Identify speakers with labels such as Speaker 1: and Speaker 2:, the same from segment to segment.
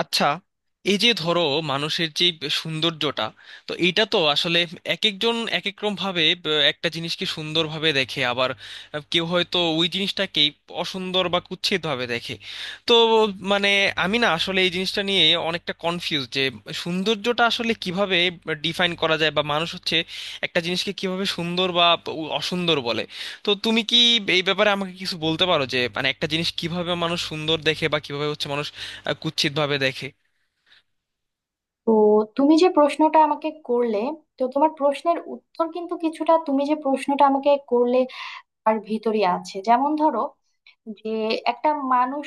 Speaker 1: আচ্ছা, এই যে ধরো মানুষের যে সৌন্দর্যটা, তো এইটা তো আসলে এক একজন এক এক রকম ভাবে একটা জিনিসকে সুন্দরভাবে দেখে, আবার কেউ হয়তো ওই জিনিসটাকেই অসুন্দর বা কুৎসিত ভাবে দেখে। তো মানে আমি না আসলে এই জিনিসটা নিয়ে অনেকটা কনফিউজ যে সৌন্দর্যটা আসলে কিভাবে ডিফাইন করা যায়, বা মানুষ হচ্ছে একটা জিনিসকে কিভাবে সুন্দর বা অসুন্দর বলে। তো তুমি কি এই ব্যাপারে আমাকে কিছু বলতে পারো যে মানে একটা জিনিস কিভাবে মানুষ সুন্দর দেখে বা কিভাবে হচ্ছে কুৎসিত ভাবে দেখে?
Speaker 2: তো তুমি যে প্রশ্নটা আমাকে করলে তো তোমার প্রশ্নের উত্তর কিন্তু কিছুটা তুমি যে প্রশ্নটা আমাকে করলে আর ভিতরে আছে। যেমন ধরো, যে একটা মানুষ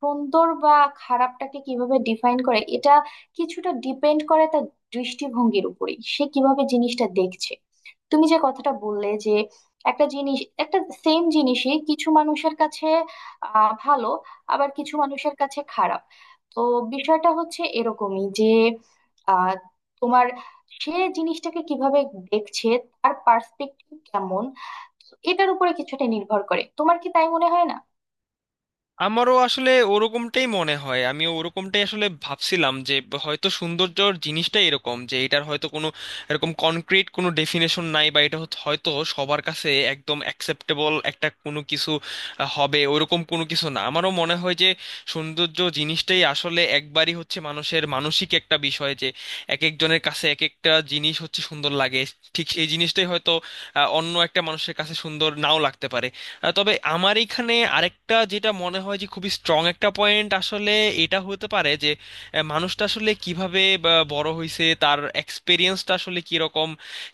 Speaker 2: সুন্দর বা খারাপটাকে কিভাবে ডিফাইন করে, এটা কিছুটা ডিপেন্ড করে তার দৃষ্টিভঙ্গির উপরেই, সে কিভাবে জিনিসটা দেখছে। তুমি যে কথাটা বললে যে একটা জিনিস, একটা সেম জিনিসই কিছু মানুষের কাছে ভালো, আবার কিছু মানুষের কাছে খারাপ। তো বিষয়টা হচ্ছে এরকমই যে আহ তোমার, সে জিনিসটাকে কিভাবে দেখছে, তার পার্সপেক্টিভ কেমন, এটার উপরে কিছুটা নির্ভর করে। তোমার কি তাই মনে হয় না?
Speaker 1: আমারও আসলে ওরকমটাই মনে হয়, আমি ওরকমটাই আসলে ভাবছিলাম যে হয়তো সৌন্দর্যর জিনিসটাই এরকম যে এটার হয়তো কোনো এরকম কনক্রিট কোনো ডেফিনেশন নাই, বা এটা হচ্ছে- হয়তো সবার কাছে একদম অ্যাকসেপ্টেবল একটা কোনো কিছু হবে ওরকম কোনো কিছু না। আমারও মনে হয় যে সৌন্দর্য জিনিসটাই আসলে একবারই হচ্ছে মানুষের মানসিক একটা বিষয়, যে এক একজনের কাছে এক একটা জিনিস হচ্ছে সুন্দর লাগে, ঠিক সেই জিনিসটাই হয়তো অন্য একটা মানুষের কাছে সুন্দর নাও লাগতে পারে। তবে আমার এখানে আরেকটা যেটা মনে হয় যে খুবই স্ট্রং একটা পয়েন্ট, আসলে এটা হতে পারে যে মানুষটা আসলে কিভাবে বড় হয়েছে, তার এক্সপিরিয়েন্সটা আসলে কিরকম,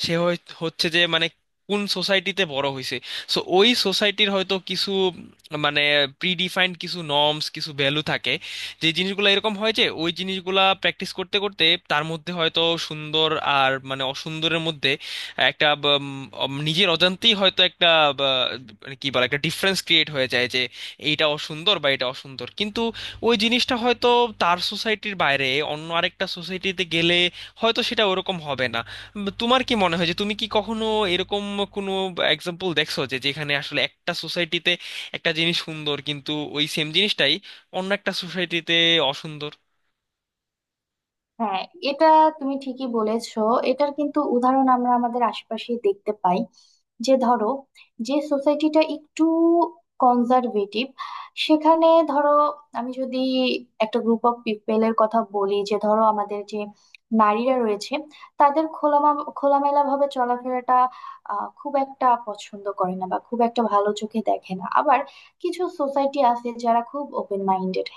Speaker 1: হচ্ছে যে মানে কোন সোসাইটিতে বড় হয়েছে। সো ওই সোসাইটির হয়তো কিছু মানে প্রিডিফাইন্ড কিছু নর্মস, কিছু ভ্যালু থাকে, যে জিনিসগুলো এরকম হয় যে ওই জিনিসগুলা প্র্যাকটিস করতে করতে তার মধ্যে হয়তো সুন্দর আর অসুন্দরের মধ্যে একটা উম, নিজের অজান্তেই হয়তো একটা বা, মানে কি বলে একটা ডিফারেন্স ক্রিয়েট হয়ে যায় যে এইটা অসুন্দর বা এটা অসুন্দর। কিন্তু ওই জিনিসটা হয়তো তার সোসাইটির বাইরে অন্য আরেকটা সোসাইটিতে গেলে হয়তো সেটা ওরকম হবে না। তোমার কি মনে হয় যে তুমি কি কখনো এরকম কোনো এক্সাম্পল দেখছো, যে যেখানে আসলে একটা সোসাইটিতে একটা জিনিস সুন্দর, কিন্তু ওই সেম জিনিসটাই অন্য একটা সোসাইটিতে অসুন্দর?
Speaker 2: হ্যাঁ, এটা তুমি ঠিকই বলেছো, এটার কিন্তু উদাহরণ আমরা আমাদের আশেপাশে দেখতে পাই। যে ধরো, যে সোসাইটিটা একটু কনজারভেটিভ, সেখানে ধরো আমি যদি একটা গ্রুপ অফ পিপলের কথা বলি, যে ধরো আমাদের যে নারীরা রয়েছে, তাদের খোলামেলা ভাবে চলাফেরাটা খুব একটা পছন্দ করে না বা খুব একটা ভালো চোখে দেখে না। আবার কিছু সোসাইটি আছে যারা খুব ওপেন মাইন্ডেড,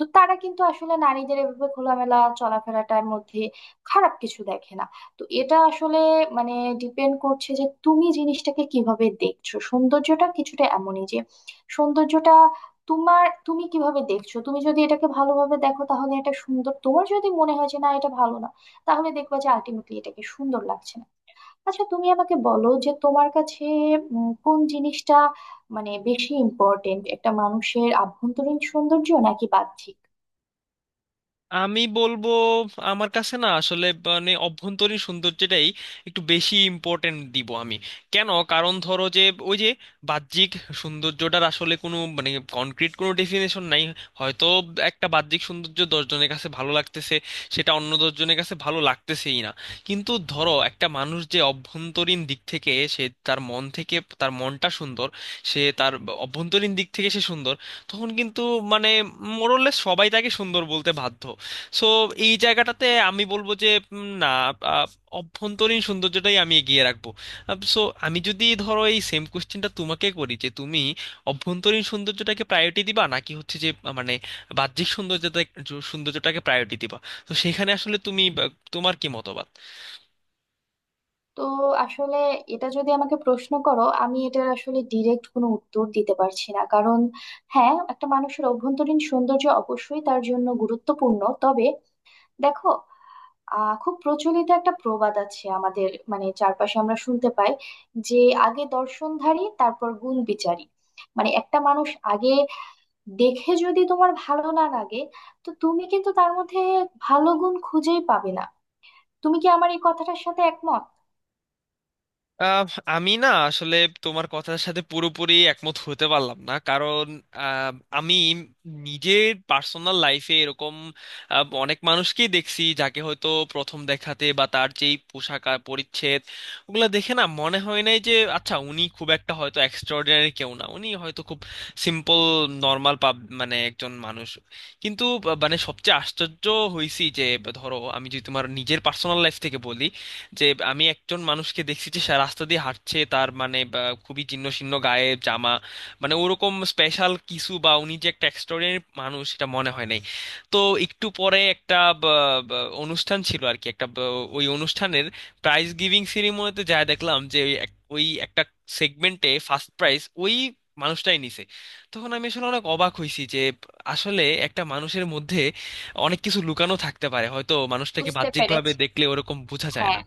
Speaker 2: তো তারা কিন্তু আসলে নারীদের এভাবে খোলামেলা চলাফেরাটার মধ্যে খারাপ কিছু দেখে না। তো এটা আসলে মানে ডিপেন্ড করছে যে তুমি জিনিসটাকে কিভাবে দেখছো। সৌন্দর্যটা কিছুটা এমনই যে সৌন্দর্যটা তোমার, তুমি কিভাবে দেখছো। তুমি যদি এটাকে ভালোভাবে দেখো তাহলে এটা সুন্দর, তোমার যদি মনে হয় যে না এটা ভালো না, তাহলে দেখবা যে আলটিমেটলি এটাকে সুন্দর লাগছে না। আচ্ছা তুমি আমাকে বলো, যে তোমার কাছে কোন জিনিসটা মানে বেশি ইম্পর্টেন্ট, একটা মানুষের আভ্যন্তরীণ সৌন্দর্য নাকি বাহ্যিক?
Speaker 1: আমি বলবো, আমার কাছে না আসলে অভ্যন্তরীণ সৌন্দর্যটাই একটু বেশি ইম্পর্টেন্ট দিব আমি। কেন? কারণ ধরো যে ওই যে বাহ্যিক সৌন্দর্যটার আসলে কোনো কনক্রিট কোনো ডেফিনেশন নাই। হয়তো একটা বাহ্যিক সৌন্দর্য দশজনের কাছে ভালো লাগতেছে, সেটা অন্য দশজনের কাছে ভালো লাগতেছেই না। কিন্তু ধরো একটা মানুষ যে অভ্যন্তরীণ দিক থেকে, সে তার মন থেকে, তার মনটা সুন্দর, সে তার অভ্যন্তরীণ দিক থেকে সে সুন্দর, তখন কিন্তু মানে মোরলেস সবাই তাকে সুন্দর বলতে বাধ্য। সো এই জায়গাটাতে আমি বলবো যে না, আহ, অভ্যন্তরীণ সৌন্দর্যটাই আমি এগিয়ে রাখবো। সো আমি যদি ধরো এই সেম কোশ্চেনটা তোমাকে করি, যে তুমি অভ্যন্তরীণ সৌন্দর্যটাকে প্রায়োরিটি দিবা নাকি হচ্ছে যে বাহ্যিক সৌন্দর্যটাকে প্রায়োরিটি দিবা, তো সেখানে আসলে তুমি তোমার কি মতবাদ?
Speaker 2: তো আসলে এটা যদি আমাকে প্রশ্ন করো, আমি এটার আসলে ডিরেক্ট কোনো উত্তর দিতে পারছি না। কারণ হ্যাঁ, একটা মানুষের অভ্যন্তরীণ সৌন্দর্য অবশ্যই তার জন্য গুরুত্বপূর্ণ, তবে দেখো, খুব প্রচলিত একটা প্রবাদ আছে আমাদের, মানে চারপাশে আমরা শুনতে পাই, যে আগে দর্শনধারী তারপর গুণ বিচারী। মানে একটা মানুষ আগে দেখে, যদি তোমার ভালো না লাগে, তো তুমি কিন্তু তার মধ্যে ভালো গুণ খুঁজেই পাবে না। তুমি কি আমার এই কথাটার সাথে একমত?
Speaker 1: আহ, আমি না আসলে তোমার কথার সাথে পুরোপুরি একমত হতে পারলাম না, কারণ আহ, আমি নিজের পার্সোনাল লাইফে এরকম অনেক মানুষকেই দেখছি যাকে হয়তো প্রথম দেখাতে বা তার যেই পোশাক আর পরিচ্ছদ ওগুলো দেখে না মনে হয় নাই যে আচ্ছা উনি খুব একটা হয়তো এক্সট্রাঅর্ডিনারি কেউ না, উনি হয়তো খুব সিম্পল, নর্মাল পাব মানে একজন মানুষ। কিন্তু সবচেয়ে আশ্চর্য হয়েছি যে ধরো আমি যদি তোমার নিজের পার্সোনাল লাইফ থেকে বলি যে আমি একজন মানুষকে দেখছি যে সে রাস্তা দিয়ে হাঁটছে, তার মানে খুবই ছিন্ন ছিন্ন গায়ে জামা, মানে ওরকম স্পেশাল কিছু বা উনি যে একটা এক্সট্রাঅর্ডিনারি মানুষ সেটা মনে হয় নাই। তো একটু পরে একটা বা, অনুষ্ঠান ছিল আর কি, একটা ওই অনুষ্ঠানের প্রাইজ গিভিং সেরিমনিতে যা দেখলাম, যে ওই ওই একটা সেগমেন্টে ফার্স্ট প্রাইজ ওই মানুষটাই নিছে। তখন আমি আসলে অনেক অবাক হয়েছি যে আসলে একটা মানুষের মধ্যে অনেক কিছু লুকানো থাকতে পারে, হয়তো মানুষটাকে
Speaker 2: বুঝতে
Speaker 1: বাহ্যিকভাবে
Speaker 2: পেরেছি।
Speaker 1: দেখলে ওরকম বোঝা যায়
Speaker 2: হ্যাঁ,
Speaker 1: না।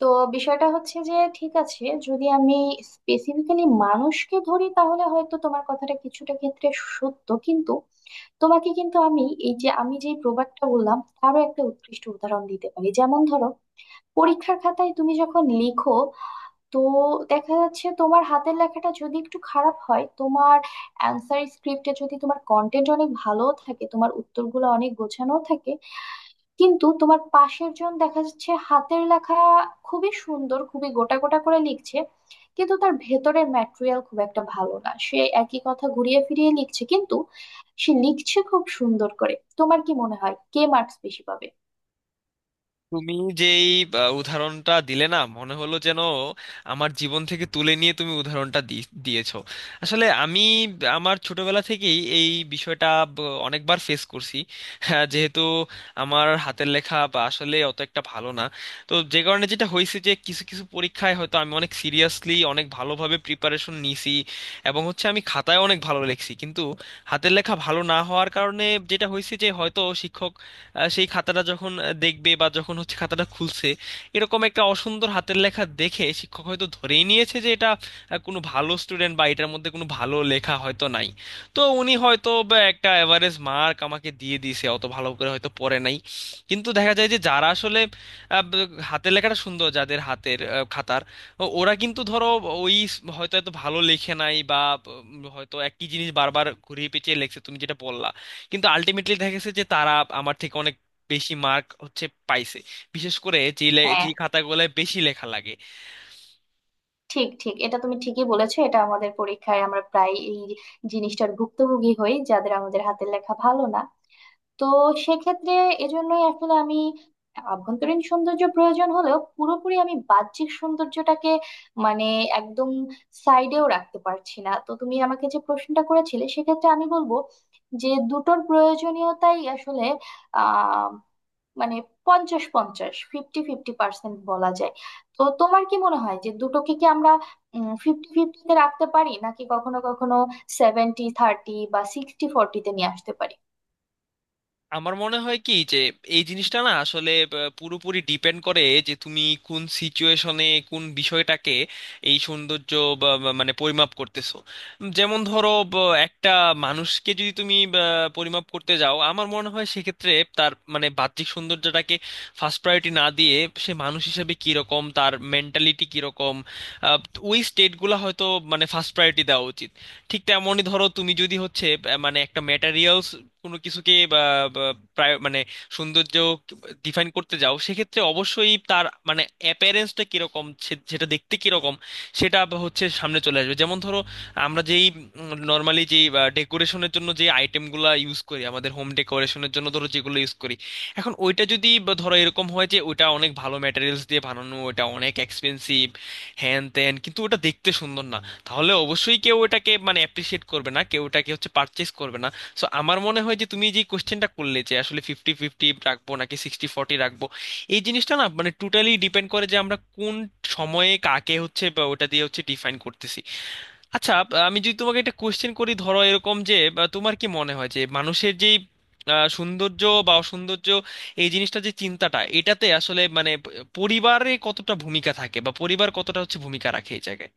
Speaker 2: তো বিষয়টা হচ্ছে যে ঠিক আছে, যদি আমি স্পেসিফিক্যালি মানুষকে ধরি, তাহলে হয়তো তোমার কথাটা কিছুটা ক্ষেত্রে সত্য, কিন্তু তোমাকে কিন্তু আমি এই যে আমি যে প্রবাদটা বললাম তারও একটা উৎকৃষ্ট উদাহরণ দিতে পারি। যেমন ধরো, পরীক্ষার খাতায় তুমি যখন লিখো, তো দেখা যাচ্ছে তোমার হাতের লেখাটা যদি একটু খারাপ হয়, তোমার অ্যান্সার স্ক্রিপ্টে যদি তোমার কন্টেন্ট অনেক ভালো থাকে, তোমার উত্তরগুলো অনেক গোছানো থাকে, কিন্তু তোমার পাশের জন দেখা যাচ্ছে হাতের লেখা খুবই সুন্দর, খুবই গোটা গোটা করে লিখছে, কিন্তু তার ভেতরের ম্যাটেরিয়াল খুব একটা ভালো না, সে একই কথা ঘুরিয়ে ফিরিয়ে লিখছে, কিন্তু সে লিখছে খুব সুন্দর করে, তোমার কি মনে হয় কে মার্কস বেশি পাবে?
Speaker 1: তুমি যেই উদাহরণটা দিলে না, মনে হলো যেন আমার জীবন থেকে তুলে নিয়ে তুমি দিয়েছো। আসলে আমি আমার ছোটবেলা থেকেই এই বিষয়টা ব- অনেকবার ফেস করছি। হ্যাঁ, যেহেতু আমার হাতের লেখা বা আসলে অত একটা ভালো না, তো যে কারণে যেটা হয়েছে যে কিছু কিছু পরীক্ষায় হয়তো আমি অনেক সিরিয়াসলি অনেক ভালোভাবে প্রিপারেশন নিছি এবং হচ্ছে আমি খাতায় অনেক ভালো লিখছি, কিন্তু হাতের লেখা ভালো না হওয়ার কারণে যেটা হয়েছে যে হয়তো শিক্ষকরা সেই খাতাটা যখন দেখবে বা যখন হচ্ছে খাতাটা খুলছে, এরকম একটা অসুন্দর হাতের লেখা দেখে শিক্ষক হয়তো ধরেই নিয়েছে যে এটা কোনো ভালো স্টুডেন্ট বা এটার মধ্যে কোনো ভালো লেখা হয়তো নাই। তো উনি হয়তো বা একটা এভারেজ মার্ক আমাকে দিয়ে দিয়েছে, অত ভালো করে হয়তো পড়ে নাই। কিন্তু দেখা যায় যে যারা আসলে হাতের লেখাটা সুন্দর, যাদের হাতের খাতার ওরা কিন্তু ধরো হয়তো এত ভালো লেখে নাই বা হয়তো একই জিনিস বারবার ঘুরিয়ে পেঁচিয়ে লেখছে তুমি যেটা বললা, কিন্তু আলটিমেটলি দেখা গেছে যে তারা আমার থেকে।
Speaker 2: হ্যাঁ, ঠিক ঠিক, এটা তুমি ঠিকই বলেছো। এটা আমাদের পরীক্ষায় আমরা প্রায় এই জিনিসটার ভুক্তভোগী হই, যাদের আমাদের হাতের লেখা ভালো না। তো সেক্ষেত্রে এজন্যই আসলে আমি আভ্যন্তরীণ সৌন্দর্য প্রয়োজন হলেও পুরোপুরি আমি বাহ্যিক সৌন্দর্যটাকে মানে একদম সাইডেও রাখতে পারছি না। তো তুমি আমাকে যে প্রশ্নটা করেছিলে, সেক্ষেত্রে আমি বলবো যে দুটোর প্রয়োজনীয়তাই আসলে আহ মানে 50-50, 50-50% বলা যায়। তো তোমার কি মনে হয় যে দুটোকে কি আমরা 50-50তে রাখতে পারি, নাকি কখনো কখনো 70-30 বা 60-40তে নিয়ে আসতে পারি?
Speaker 1: আমার মনে হয় কি যে এই জিনিসটা না আসলে পুরোপুরি ডিপেন্ড করে যে তুমি কোন সিচুয়েশনে কোন বিষয়টাকে এই সৌন্দর্য বা বা পরিমাপ করতেছো। যেমন ধরো একটা মানুষকে যদি তুমি পরিমাপ করতে যাও, আমার মনে হয় সেক্ষেত্রে তার মানে বাহ্যিক সৌন্দর্যটাকে ফার্স্ট প্রায়োরিটি না দিয়ে, সে মানুষ হিসেবে কিরকম, তার মেন্টালিটি কিরকম, আহ, ওই স্টেটগুলো হয়তো ফার্স্ট প্রায়োরিটি দেওয়া উচিত। ঠিক তেমনই ধরো তুমি যদি হচ্ছে একটা ম্যাটেরিয়ালস কোনো কিছুকে বা বা প্রায়- সৌন্দর্য ডিফাইন করতে যাও, সেক্ষেত্রে অবশ্যই তার মানে অ্যাপিয়ারেন্সটা কিরকম, সেটা দেখতে কিরকম, সেটা বা হচ্ছে সামনে চলে আসবে। যেমন ধরো আমরা যেই নর্মালি যেই ডেকোরেশনের জন্য যে আইটেমগুলো ইউজ করি, আমাদের হোম ডেকোরেশনের জন্য ধরো যেগুলো ইউজ করি, এখন ওইটা যদি বা ধরো এরকম হয় যে ওইটা অনেক ভালো ম্যাটেরিয়ালস দিয়ে বানানো, ওটা অনেক এক্সপেন্সিভ হ্যান ত্যান, কিন্তু ওটা দেখতে সুন্দর না, তাহলে অবশ্যই কেউ এটাকে মানে অ্যাপ্রিসিয়েট করবে না, কেউ এটাকে হচ্ছে পারচেস করবে না। সো আমার মনে হয় যে তুমি যে কোশ্চেনটা করলে যে আসলে ফিফটি ফিফটি রাখবো নাকি সিক্সটি ফর্টি রাখবো, এই জিনিসটা না মানে টোটালি ডিপেন্ড করে যে আমরা কোন সময়ে কাকে হচ্ছে বা ওটা দিয়ে হচ্ছে ডিফাইন করতেছি। আচ্ছা আমি যদি তোমাকে একটা কোশ্চেন করি ধরো এরকম যে তোমার কি মনে হয় যে মানুষের যেই সৌন্দর্য বা অসৌন্দর্য, এই জিনিসটা যে চিন্তাটা, এটাতে আসলে মানে পরিবারে কতটা ভূমিকা থাকে বা পরিবার কতটা হচ্ছে ভূমিকা রাখে এই জায়গায়?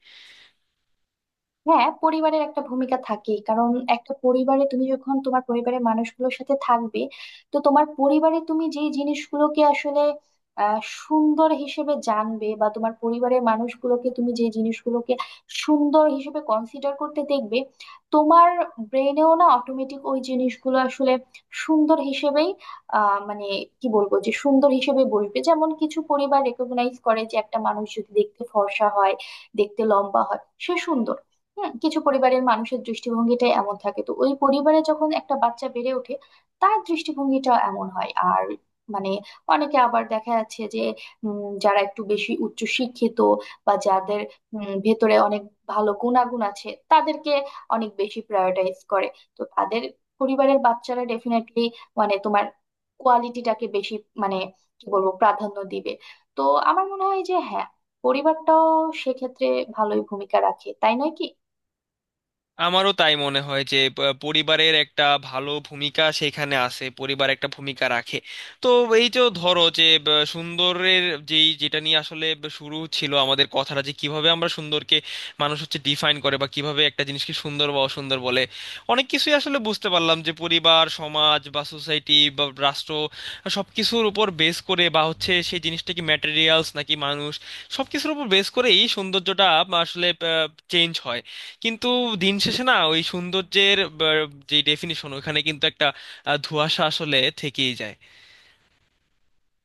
Speaker 2: হ্যাঁ, পরিবারের একটা ভূমিকা থাকেই। কারণ একটা পরিবারে তুমি যখন তোমার পরিবারের মানুষগুলোর সাথে থাকবে, তো তোমার পরিবারে তুমি যে জিনিসগুলোকে আসলে আহ, সুন্দর হিসেবে জানবে, বা তোমার পরিবারের মানুষগুলোকে তুমি যে জিনিসগুলোকে সুন্দর হিসেবে কনসিডার করতে দেখবে, তোমার ব্রেনেও না অটোমেটিক ওই জিনিসগুলো আসলে সুন্দর হিসেবেই মানে কি বলবো, যে সুন্দর হিসেবে বসবে। যেমন কিছু পরিবার রেকগনাইজ করে যে একটা মানুষ যদি দেখতে ফর্সা হয়, দেখতে লম্বা হয়, সে সুন্দর। হ্যাঁ, কিছু পরিবারের মানুষের দৃষ্টিভঙ্গিটা এমন থাকে, তো ওই পরিবারে যখন একটা বাচ্চা বেড়ে ওঠে, তার দৃষ্টিভঙ্গিটা এমন হয়। আর মানে অনেকে আবার দেখা যাচ্ছে যে যারা একটু বেশি উচ্চ শিক্ষিত, বা যাদের ভেতরে অনেক ভালো গুণাগুণ আছে, তাদেরকে অনেক বেশি প্রায়োরিটাইজ করে। তো তাদের পরিবারের বাচ্চারা ডেফিনেটলি মানে তোমার কোয়ালিটিটাকে বেশি মানে কি বলবো, প্রাধান্য দিবে। তো আমার মনে হয় যে হ্যাঁ, পরিবারটাও সেক্ষেত্রে ভালোই ভূমিকা রাখে, তাই নয় কি?
Speaker 1: আমারও তাই মনে হয় যে পরিবারের একটা ভালো ভূমিকা সেখানে আছে, পরিবার একটা ভূমিকা রাখে। তো এই যে ধরো যে সুন্দরের যেই যেটা নিয়ে আসলে শুরু ছিল আমাদের কথাটা, যে কিভাবে আমরা সুন্দরকে মানুষ হচ্ছে ডিফাইন করে বা কিভাবে একটা জিনিসকে সুন্দর বা অসুন্দর বলে, অনেক কিছুই আসলে বুঝতে পারলাম যে পরিবার, সমাজ বা সোসাইটি বা রাষ্ট্র, সবকিছুর উপর বেস করে বা হচ্ছে সেই জিনিসটা কি ম্যাটেরিয়ালস নাকি মানুষ, সবকিছুর উপর বেস করে এই সৌন্দর্যটা আসলে চেঞ্জ হয়। কিন্তু দিন শেষে না ওই সৌন্দর্যের যে ডেফিনিশন, ওখানে কিন্তু একটা ধোঁয়াশা আসলে থেকেই যায়।